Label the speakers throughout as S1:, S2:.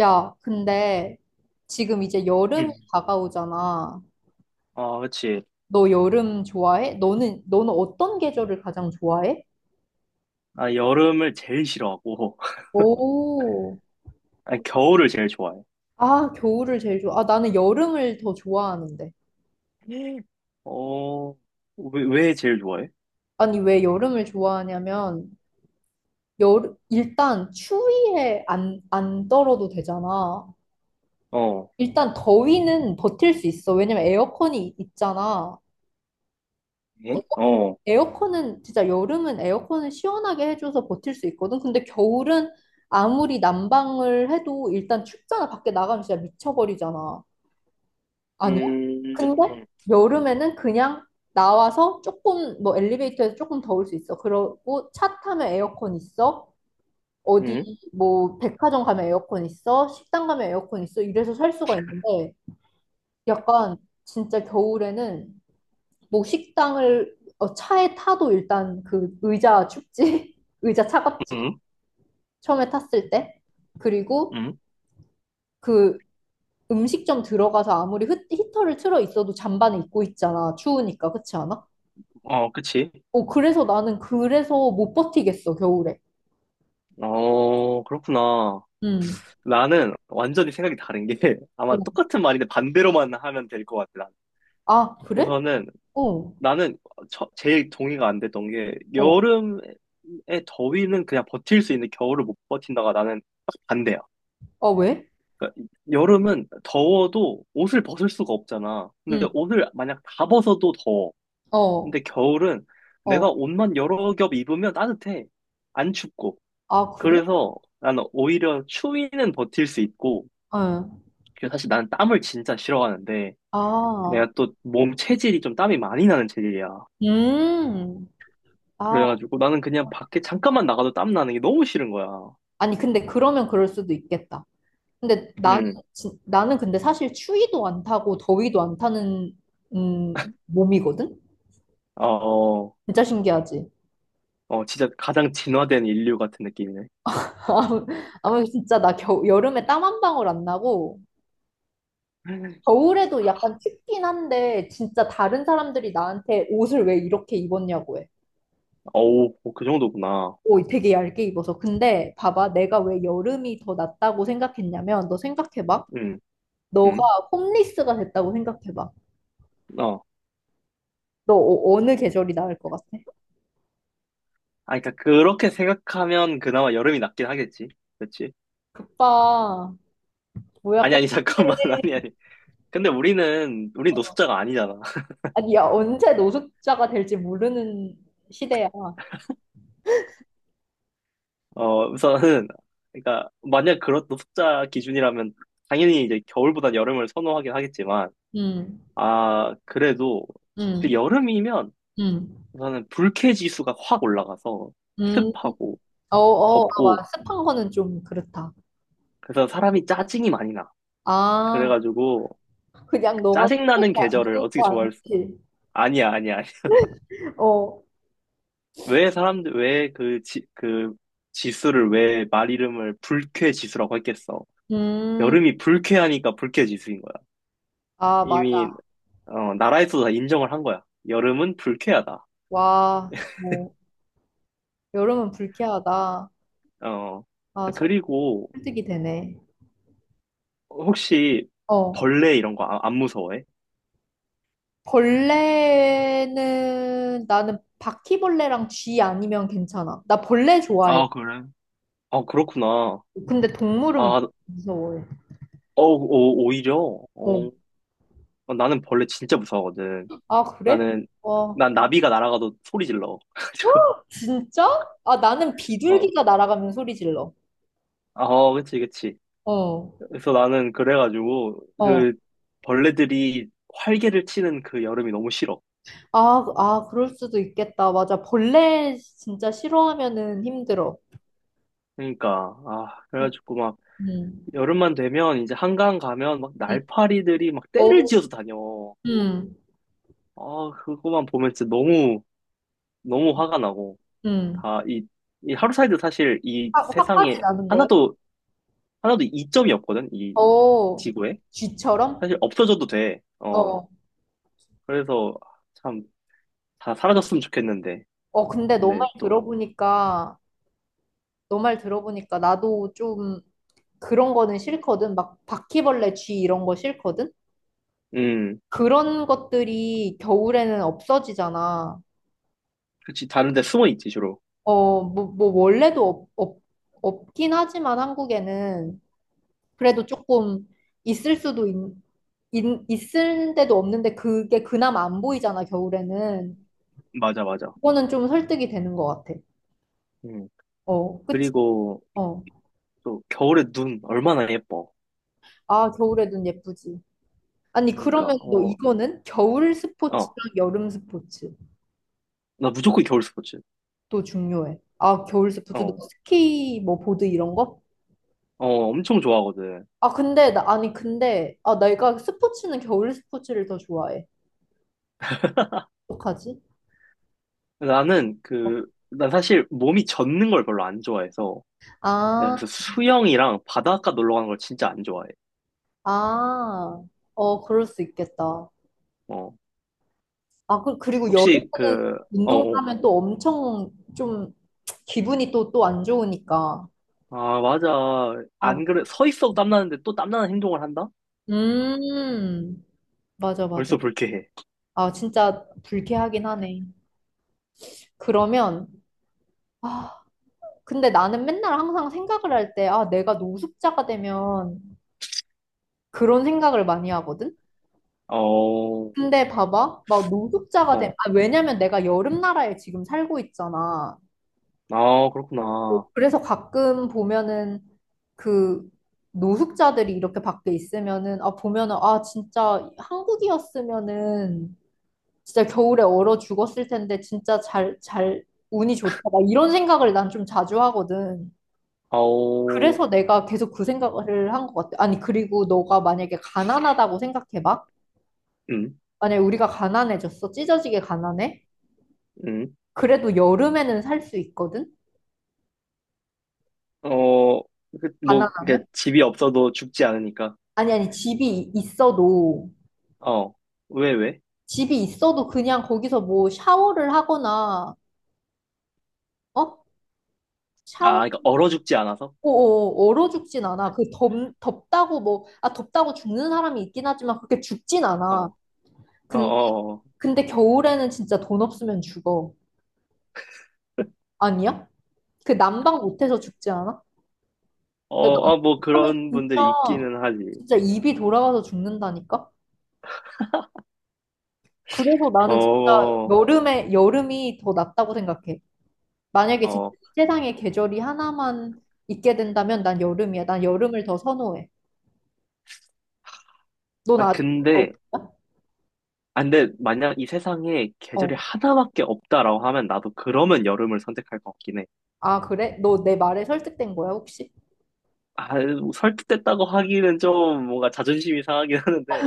S1: 야, 근데 지금 이제 여름이
S2: 음.
S1: 다가오잖아.
S2: 아, 그치.
S1: 너 여름 좋아해? 너는 어떤 계절을 가장 좋아해?
S2: 나 여름을 제일 싫어하고,
S1: 오,
S2: 아니, 겨울을 제일 좋아해.
S1: 아, 겨울을 제일 좋아. 아, 나는 여름을 더 좋아하는데.
S2: 예. 어, 왜 제일 좋아해?
S1: 아니, 왜 여름을 좋아하냐면, 여름, 일단 추위에 안 떨어도 되잖아.
S2: 어,
S1: 일단 더위는 버틸 수 있어. 왜냐면 에어컨이 있잖아.
S2: 응?
S1: 에어-
S2: 어,
S1: 에어컨은 진짜 여름은 에어컨을 시원하게 해줘서 버틸 수 있거든. 근데 겨울은 아무리 난방을 해도 일단 춥잖아. 밖에 나가면 진짜 미쳐버리잖아. 아니야?
S2: 음,
S1: 근데 여름에는 그냥 나와서 조금 뭐 엘리베이터에서 조금 더울 수 있어. 그러고 차 타면 에어컨 있어. 어디
S2: 음,
S1: 뭐 백화점 가면 에어컨 있어. 식당 가면 에어컨 있어. 이래서 살 수가 있는데 약간 진짜 겨울에는 뭐 식당을 어, 차에 타도 일단 그 의자 춥지? 의자 차갑지?
S2: 음
S1: 처음에 탔을 때. 그리고
S2: 음
S1: 그 음식점 들어가서 아무리 히터를 틀어 있어도 잠바는 입고 있잖아. 추우니까. 그렇지 않아?
S2: 어, 그치.
S1: 어, 그래서 나는 그래서 못 버티겠어, 겨울에.
S2: 어, 그렇구나.
S1: 음.
S2: 나는 완전히 생각이 다른 게,
S1: 어,
S2: 아마 똑같은 말인데 반대로만 하면 될 것 같아, 난.
S1: 아, 그래?
S2: 우선은,
S1: 어.
S2: 나는 제일 동의가 안 됐던 게,
S1: 어.
S2: 여름에 더위는 그냥 버틸 수 있는데 겨울을 못 버틴다가 나는 딱 반대야.
S1: 아, 왜?
S2: 그러니까 여름은 더워도 옷을 벗을 수가 없잖아. 근데
S1: 음.
S2: 옷을 만약 다 벗어도 더워.
S1: 어.
S2: 근데 겨울은 내가
S1: 어.
S2: 옷만 여러 겹 입으면 따뜻해. 안 춥고.
S1: 아, 그래?
S2: 그래서 나는 오히려 추위는 버틸 수 있고.
S1: 어.
S2: 그래서 사실 나는 땀을 진짜 싫어하는데
S1: 아.
S2: 내가 또 몸 체질이 좀 땀이 많이 나는 체질이야.
S1: 음. 아,
S2: 그래가지고 나는 그냥 밖에 잠깐만 나가도 땀 나는 게 너무 싫은 거야.
S1: 아니, 근데 그러면 그럴 수도 있겠다. 근데 나는
S2: 음,
S1: 나는 근데 사실 추위도 안 타고 더위도 안 타는 몸이거든?
S2: 어, 어,
S1: 진짜 신기하지?
S2: 어, 진짜 가장 진화된 인류 같은 느낌이네.
S1: 아무 아무 진짜 나 겨 여름에 땀 한 방울 안 나고 겨울에도 약간 춥긴 한데 진짜 다른 사람들이 나한테 옷을 왜 이렇게 입었냐고 해.
S2: 어우, 어, 그 정도구나.
S1: 오, 되게 얇게 입어서. 근데 봐봐, 내가 왜 여름이 더 낫다고 생각했냐면 너 생각해봐.
S2: 응, 응,
S1: 너가 홈리스가 됐다고 생각해봐.
S2: 어.
S1: 너 어, 느 계절이 나을 것 같아?
S2: 아, 그러니까 그렇게 생각하면 그나마 여름이 낫긴 하겠지. 그렇지?
S1: 그빠 뭐야
S2: 아니,
S1: 끝내.
S2: 아니, 잠깐만. 아니, 아니. 근데 우리 노숙자가 아니잖아.
S1: 아니, 야, 언제 노숙자가 될지 모르는 시대야.
S2: 어, 우선은, 그러니까, 만약 그런 노숙자 기준이라면, 당연히 이제 겨울보단 여름을 선호하긴 하겠지만,
S1: 음,
S2: 아, 그래도, 그
S1: 음,
S2: 여름이면,
S1: 음,
S2: 우선은 불쾌 지수가 확 올라가서,
S1: 음.
S2: 습하고,
S1: 어, 어, 아, 와,
S2: 덥고,
S1: 습한 거는 좀 그렇다.
S2: 그래서 사람이 짜증이 많이 나.
S1: 아,
S2: 그래가지고,
S1: 그냥 너가
S2: 짜증나는
S1: 그렇게 안
S2: 계절을
S1: 좋은
S2: 어떻게
S1: 거
S2: 좋아할 수,
S1: 아니지?
S2: 아니야, 아니야.
S1: 어,
S2: 왜 사람들, 왜 그 지, 그 지수를 왜 말 이름을 불쾌 지수라고 했겠어?
S1: 음,
S2: 여름이 불쾌하니까 불쾌 지수인 거야.
S1: 아,
S2: 이미,
S1: 맞아.
S2: 어, 나라에서도 다 인정을 한 거야. 여름은 불쾌하다.
S1: 와, 뭐, 여름은 불쾌하다.
S2: 어,
S1: 아, 설-
S2: 그리고
S1: 설득이 되네.
S2: 혹시
S1: 어,
S2: 벌레 이런 거 안, 무서워해?
S1: 벌레는 나는 바퀴벌레랑 쥐 아니면 괜찮아. 나 벌레 좋아해.
S2: 아, 그래? 아, 그렇구나.
S1: 근데
S2: 아,
S1: 동물은
S2: 어,
S1: 무서워해.
S2: 오, 오히려,
S1: 어.
S2: 어, 나는 벌레 진짜 무서워하거든.
S1: 아, 그래?
S2: 나는,
S1: 와,
S2: 난 나비가 날아가도 소리 질러. 가지고
S1: 진짜? 아, 나는
S2: 어,
S1: 비둘기가 날아가면 소리 질러.
S2: 아, 어, 그치, 그치.
S1: 어,
S2: 그래서 나는 그래가지고
S1: 어.
S2: 그 벌레들이 활개를 치는 그 여름이 너무 싫어.
S1: 아, 아, 그럴 수도 있겠다. 맞아. 벌레 진짜 싫어하면은 힘들어.
S2: 그러니까 아
S1: 음,
S2: 그래가지고 막
S1: 음,
S2: 여름만 되면 이제 한강 가면 막
S1: 음.
S2: 날파리들이 막 떼를
S1: 오,
S2: 지어서 다녀.
S1: 음,
S2: 아 그거만 보면 진짜 너무 너무 화가 나고
S1: 음.
S2: 다 이 하루살이도 사실 이
S1: 화,
S2: 세상에
S1: 화까지 나는 거야?
S2: 하나도 하나도 이점이 없거든 이
S1: 어,
S2: 지구에
S1: 쥐처럼?
S2: 사실 없어져도 돼. 어
S1: 어,
S2: 그래서 참 다 사라졌으면 좋겠는데
S1: 어, 근데 너
S2: 근데
S1: 말
S2: 또
S1: 들어보니까, 너 말 들어보니까 나도 좀 그런 거는 싫거든. 막 바퀴벌레, 쥐 이런 거 싫거든.
S2: 음.
S1: 그런 것들이 겨울에는 없어지잖아.
S2: 그치, 다른 데 숨어 있지, 주로.
S1: 어, 뭐, 뭐 원래도 없긴 하지만 한국에는 그래도 조금 있을 수도 있을 데도 없는데 그게 그나마 안 보이잖아, 겨울에는.
S2: 맞아, 맞아.
S1: 그거는 좀 설득이 되는 것 같아.
S2: 음.
S1: 어, 그치?
S2: 그리고
S1: 어.
S2: 또 겨울에 눈 얼마나 예뻐.
S1: 아, 겨울에 눈 예쁘지. 아니,
S2: 그러니까,
S1: 그러면 너
S2: 어,
S1: 이거는 겨울
S2: 어.
S1: 스포츠랑 여름 스포츠도
S2: 나 무조건 겨울 스포츠.
S1: 중요해. 아, 겨울 스포츠, 너
S2: 어,
S1: 스키, 뭐, 보드 이런 거?
S2: 어, 엄청 좋아하거든.
S1: 아, 근데, 나, 아니, 근데, 아, 내가 스포츠는 겨울 스포츠를 더 좋아해. 어떡하지?
S2: 나는 그, 난 사실 몸이 젖는 걸 별로 안 좋아해서. 내가
S1: 아,
S2: 그래서 수영이랑 바닷가 놀러 가는 걸 진짜 안 좋아해.
S1: 아, 어, 그럴 수 있겠다.
S2: 어.
S1: 아, 그, 그리고
S2: 혹시
S1: 여름에는
S2: 그, 어, 어.
S1: 운동하면 또 엄청 좀 기분이 또 안 좋으니까.
S2: 아, 맞아.
S1: 아,
S2: 안 그래. 서 있어도 땀나는데 또 땀나는 행동을 한다?
S1: 음, 맞아, 맞아.
S2: 벌써 불쾌해.
S1: 아, 진짜 불쾌하긴 하네. 그러면, 아, 근데 나는 맨날 항상 생각을 할 때, 아, 내가 노숙자가 되면 그런 생각을 많이 하거든?
S2: 어, 어.
S1: 근데 봐봐, 막 노숙자가 된, 아, 왜냐면 내가 여름 나라에 지금 살고 있잖아.
S2: 아,
S1: 어,
S2: 그렇구나.
S1: 그래서 가끔 보면은 그 노숙자들이 이렇게 밖에 있으면은, 아, 보면은, 아, 진짜 한국이었으면은 진짜 겨울에 얼어 죽었을 텐데 진짜 운이 좋다. 막 이런 생각을 난 좀 자주 하거든.
S2: 아 어.
S1: 그래서 내가 계속 그 생각을 한 것 같아. 아니, 그리고 너가 만약에 가난하다고 생각해봐.
S2: 음,
S1: 만약에 우리가 가난해졌어. 찢어지게 가난해.
S2: 음.
S1: 그래도 여름에는 살 수 있거든?
S2: 어, 그, 뭐, 그게
S1: 가난하면?
S2: 집이 없어도 죽지 않으니까.
S1: 아니, 집이 있어도,
S2: 어, 왜?
S1: 집이 있어도 그냥 거기서 뭐 샤워를 하거나, 어?
S2: 아,
S1: 샤워,
S2: 그러니까 얼어 죽지 않아서?
S1: 어, 어, 얼어 죽진 않아. 덥다고 뭐, 아, 덥다고 죽는 사람이 있긴 하지만 그렇게 죽진
S2: 어,
S1: 않아.
S2: 어,
S1: 근,
S2: 어, 어,
S1: 근데 겨울에는 진짜 돈 없으면 죽어. 아니야? 그 난방 못해서 죽지 않아?
S2: 어,
S1: 야,
S2: 어, 뭐
S1: 난방하면
S2: 그런
S1: 진짜,
S2: 분들이 있기는 하지.
S1: 진짜 입이 돌아가서 죽는다니까? 그래서 나는 진짜
S2: 어,
S1: 여름에, 여름이 더 낫다고 생각해. 만약에 진짜
S2: 어.
S1: 이 세상에 계절이 하나만 있게 된다면 난 여름이야. 난 여름을 더 선호해. 넌
S2: 아,
S1: 아직, 어,
S2: 근데, 아, 근데 만약 이 세상에 계절이
S1: 어.
S2: 하나밖에 없다라고 하면 나도 그러면 여름을 선택할 것 같긴 해.
S1: 아, 그래? 너 내 말에 설득된 거야, 혹시?
S2: 아, 뭐 설득됐다고 하기는 좀 뭔가 자존심이 상하긴 하는데,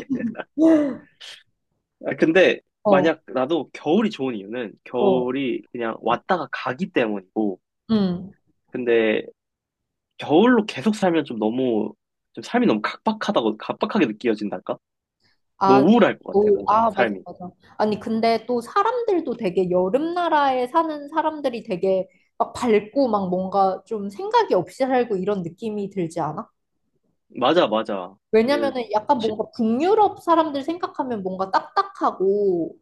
S2: 아, 근데
S1: 어,
S2: 만약 나도 겨울이 좋은 이유는
S1: 어.
S2: 겨울이 그냥 왔다가 가기 때문이고,
S1: 음.
S2: 근데 겨울로 계속 살면 좀 너무, 좀 삶이 너무 각박하다고, 각박하게 느껴진달까?
S1: 아,
S2: 너무 우울할 것 같아,
S1: 겨울.
S2: 뭔가,
S1: 아, 맞아,
S2: 삶이.
S1: 맞아. 아니, 근데 또 사람들도 되게 여름 나라에 사는 사람들이 되게 막 밝고 막 뭔가 좀 생각이 없이 살고 이런 느낌이 들지 않아?
S2: 맞아, 맞아. 그,
S1: 왜냐면은 약간
S2: 시,
S1: 뭔가 북유럽 사람들 생각하면 뭔가 딱딱하고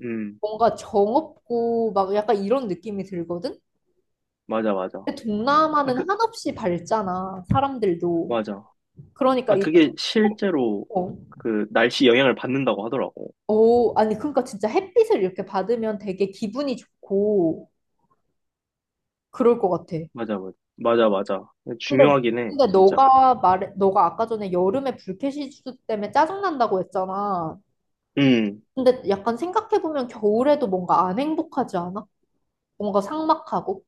S2: 음,
S1: 뭔가 정 없고 막 약간 이런 느낌이 들거든?
S2: 맞아, 맞아.
S1: 근데
S2: 아,
S1: 동남아는
S2: 그,
S1: 한없이 밝잖아, 사람들도.
S2: 맞아.
S1: 그러니까
S2: 아,
S1: 이
S2: 그게 실제로
S1: 어,
S2: 그 날씨 영향을 받는다고 하더라고.
S1: 오, 아니 그러니까 진짜 햇빛을 이렇게 받으면 되게 기분이 좋고 그럴 것 같아.
S2: 맞아, 맞아. 맞아, 맞아.
S1: 근데
S2: 중요하긴 해,
S1: 근데
S2: 진짜.
S1: 너가 말해, 너가 아까 전에 여름에 불쾌 지수 때문에 짜증난다고 했잖아.
S2: 음,
S1: 근데 약간 생각해보면 겨울에도 뭔가 안 행복하지 않아? 뭔가 삭막하고?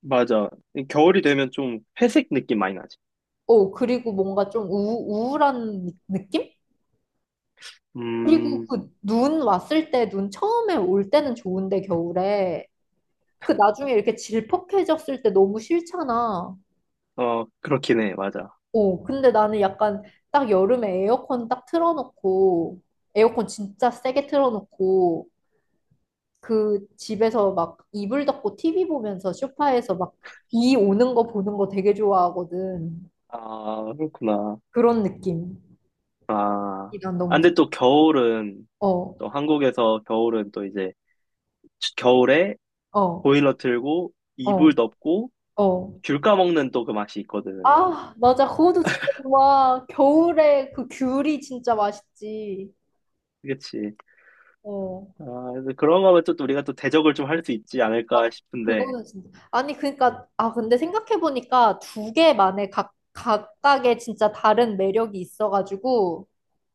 S2: 맞아. 겨울이 되면 좀 회색 느낌 많이 나지.
S1: 어, 그리고 뭔가 좀 우울한 낌 그리고
S2: 음,
S1: 그 눈 왔을 때, 눈 처음에 올 때는 좋은데, 겨울에. 그 나중에 이렇게 질퍽해졌을 때 너무 싫잖아.
S2: 어, 그렇긴 해, 맞아.
S1: 어, 근데 나는 약간 딱 여름에 에어컨 딱 틀어놓고, 에어컨 진짜 세게 틀어놓고, 그 집에서 막 이불 덮고 TV 보면서 소파에서 막 비 오는 거 보는 거 되게 좋아하거든.
S2: 아, 그렇구나.
S1: 그런 느낌이
S2: 아,
S1: 난
S2: 아,
S1: 너무 좋아.
S2: 근데 또 겨울은,
S1: 어,
S2: 또 한국에서 겨울은 또 이제, 겨울에
S1: 어,
S2: 보일러 틀고, 이불
S1: 어,
S2: 덮고,
S1: 어.
S2: 귤 까먹는 또 그 맛이 있거든.
S1: 아, 맞아. 그것도 진짜 좋아 겨울에 그 귤이 진짜 맛있지.
S2: 그치.
S1: 어.
S2: 아, 그래서 그런 거면 또 우리가 또 대적을 좀 할 수 있지
S1: 아,
S2: 않을까 싶은데,
S1: 그거는 진짜. 아니, 그러니까 아, 근데 생각해 보니까 두 개만의 각 각각의 진짜 다른 매력이 있어 가지고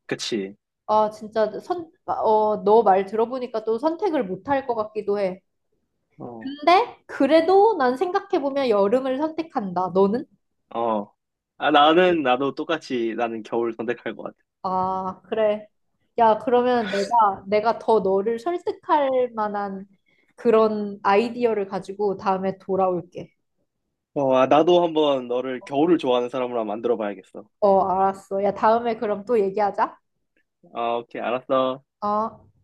S2: 그치.
S1: 아, 진짜 선 어, 너 말 들어보니까 또 선택을 못할 것 같기도 해.
S2: 어,
S1: 근데 그래도 난 생각해 보면 여름을 선택한다. 너는?
S2: 어. 아, 나도 똑같이 나는 겨울 선택할 것 같아.
S1: 아, 그래. 야, 그러면 내가 더 너를 설득할 만한 그런 아이디어를 가지고 다음에 돌아올게.
S2: 어, 아, 나도 한번 너를 겨울을 좋아하는 사람으로 한번 만들어 봐야겠어.
S1: 어, 알았어. 야, 다음에 그럼 또 얘기하자.
S2: 아, 오케이, 알았어.
S1: 어.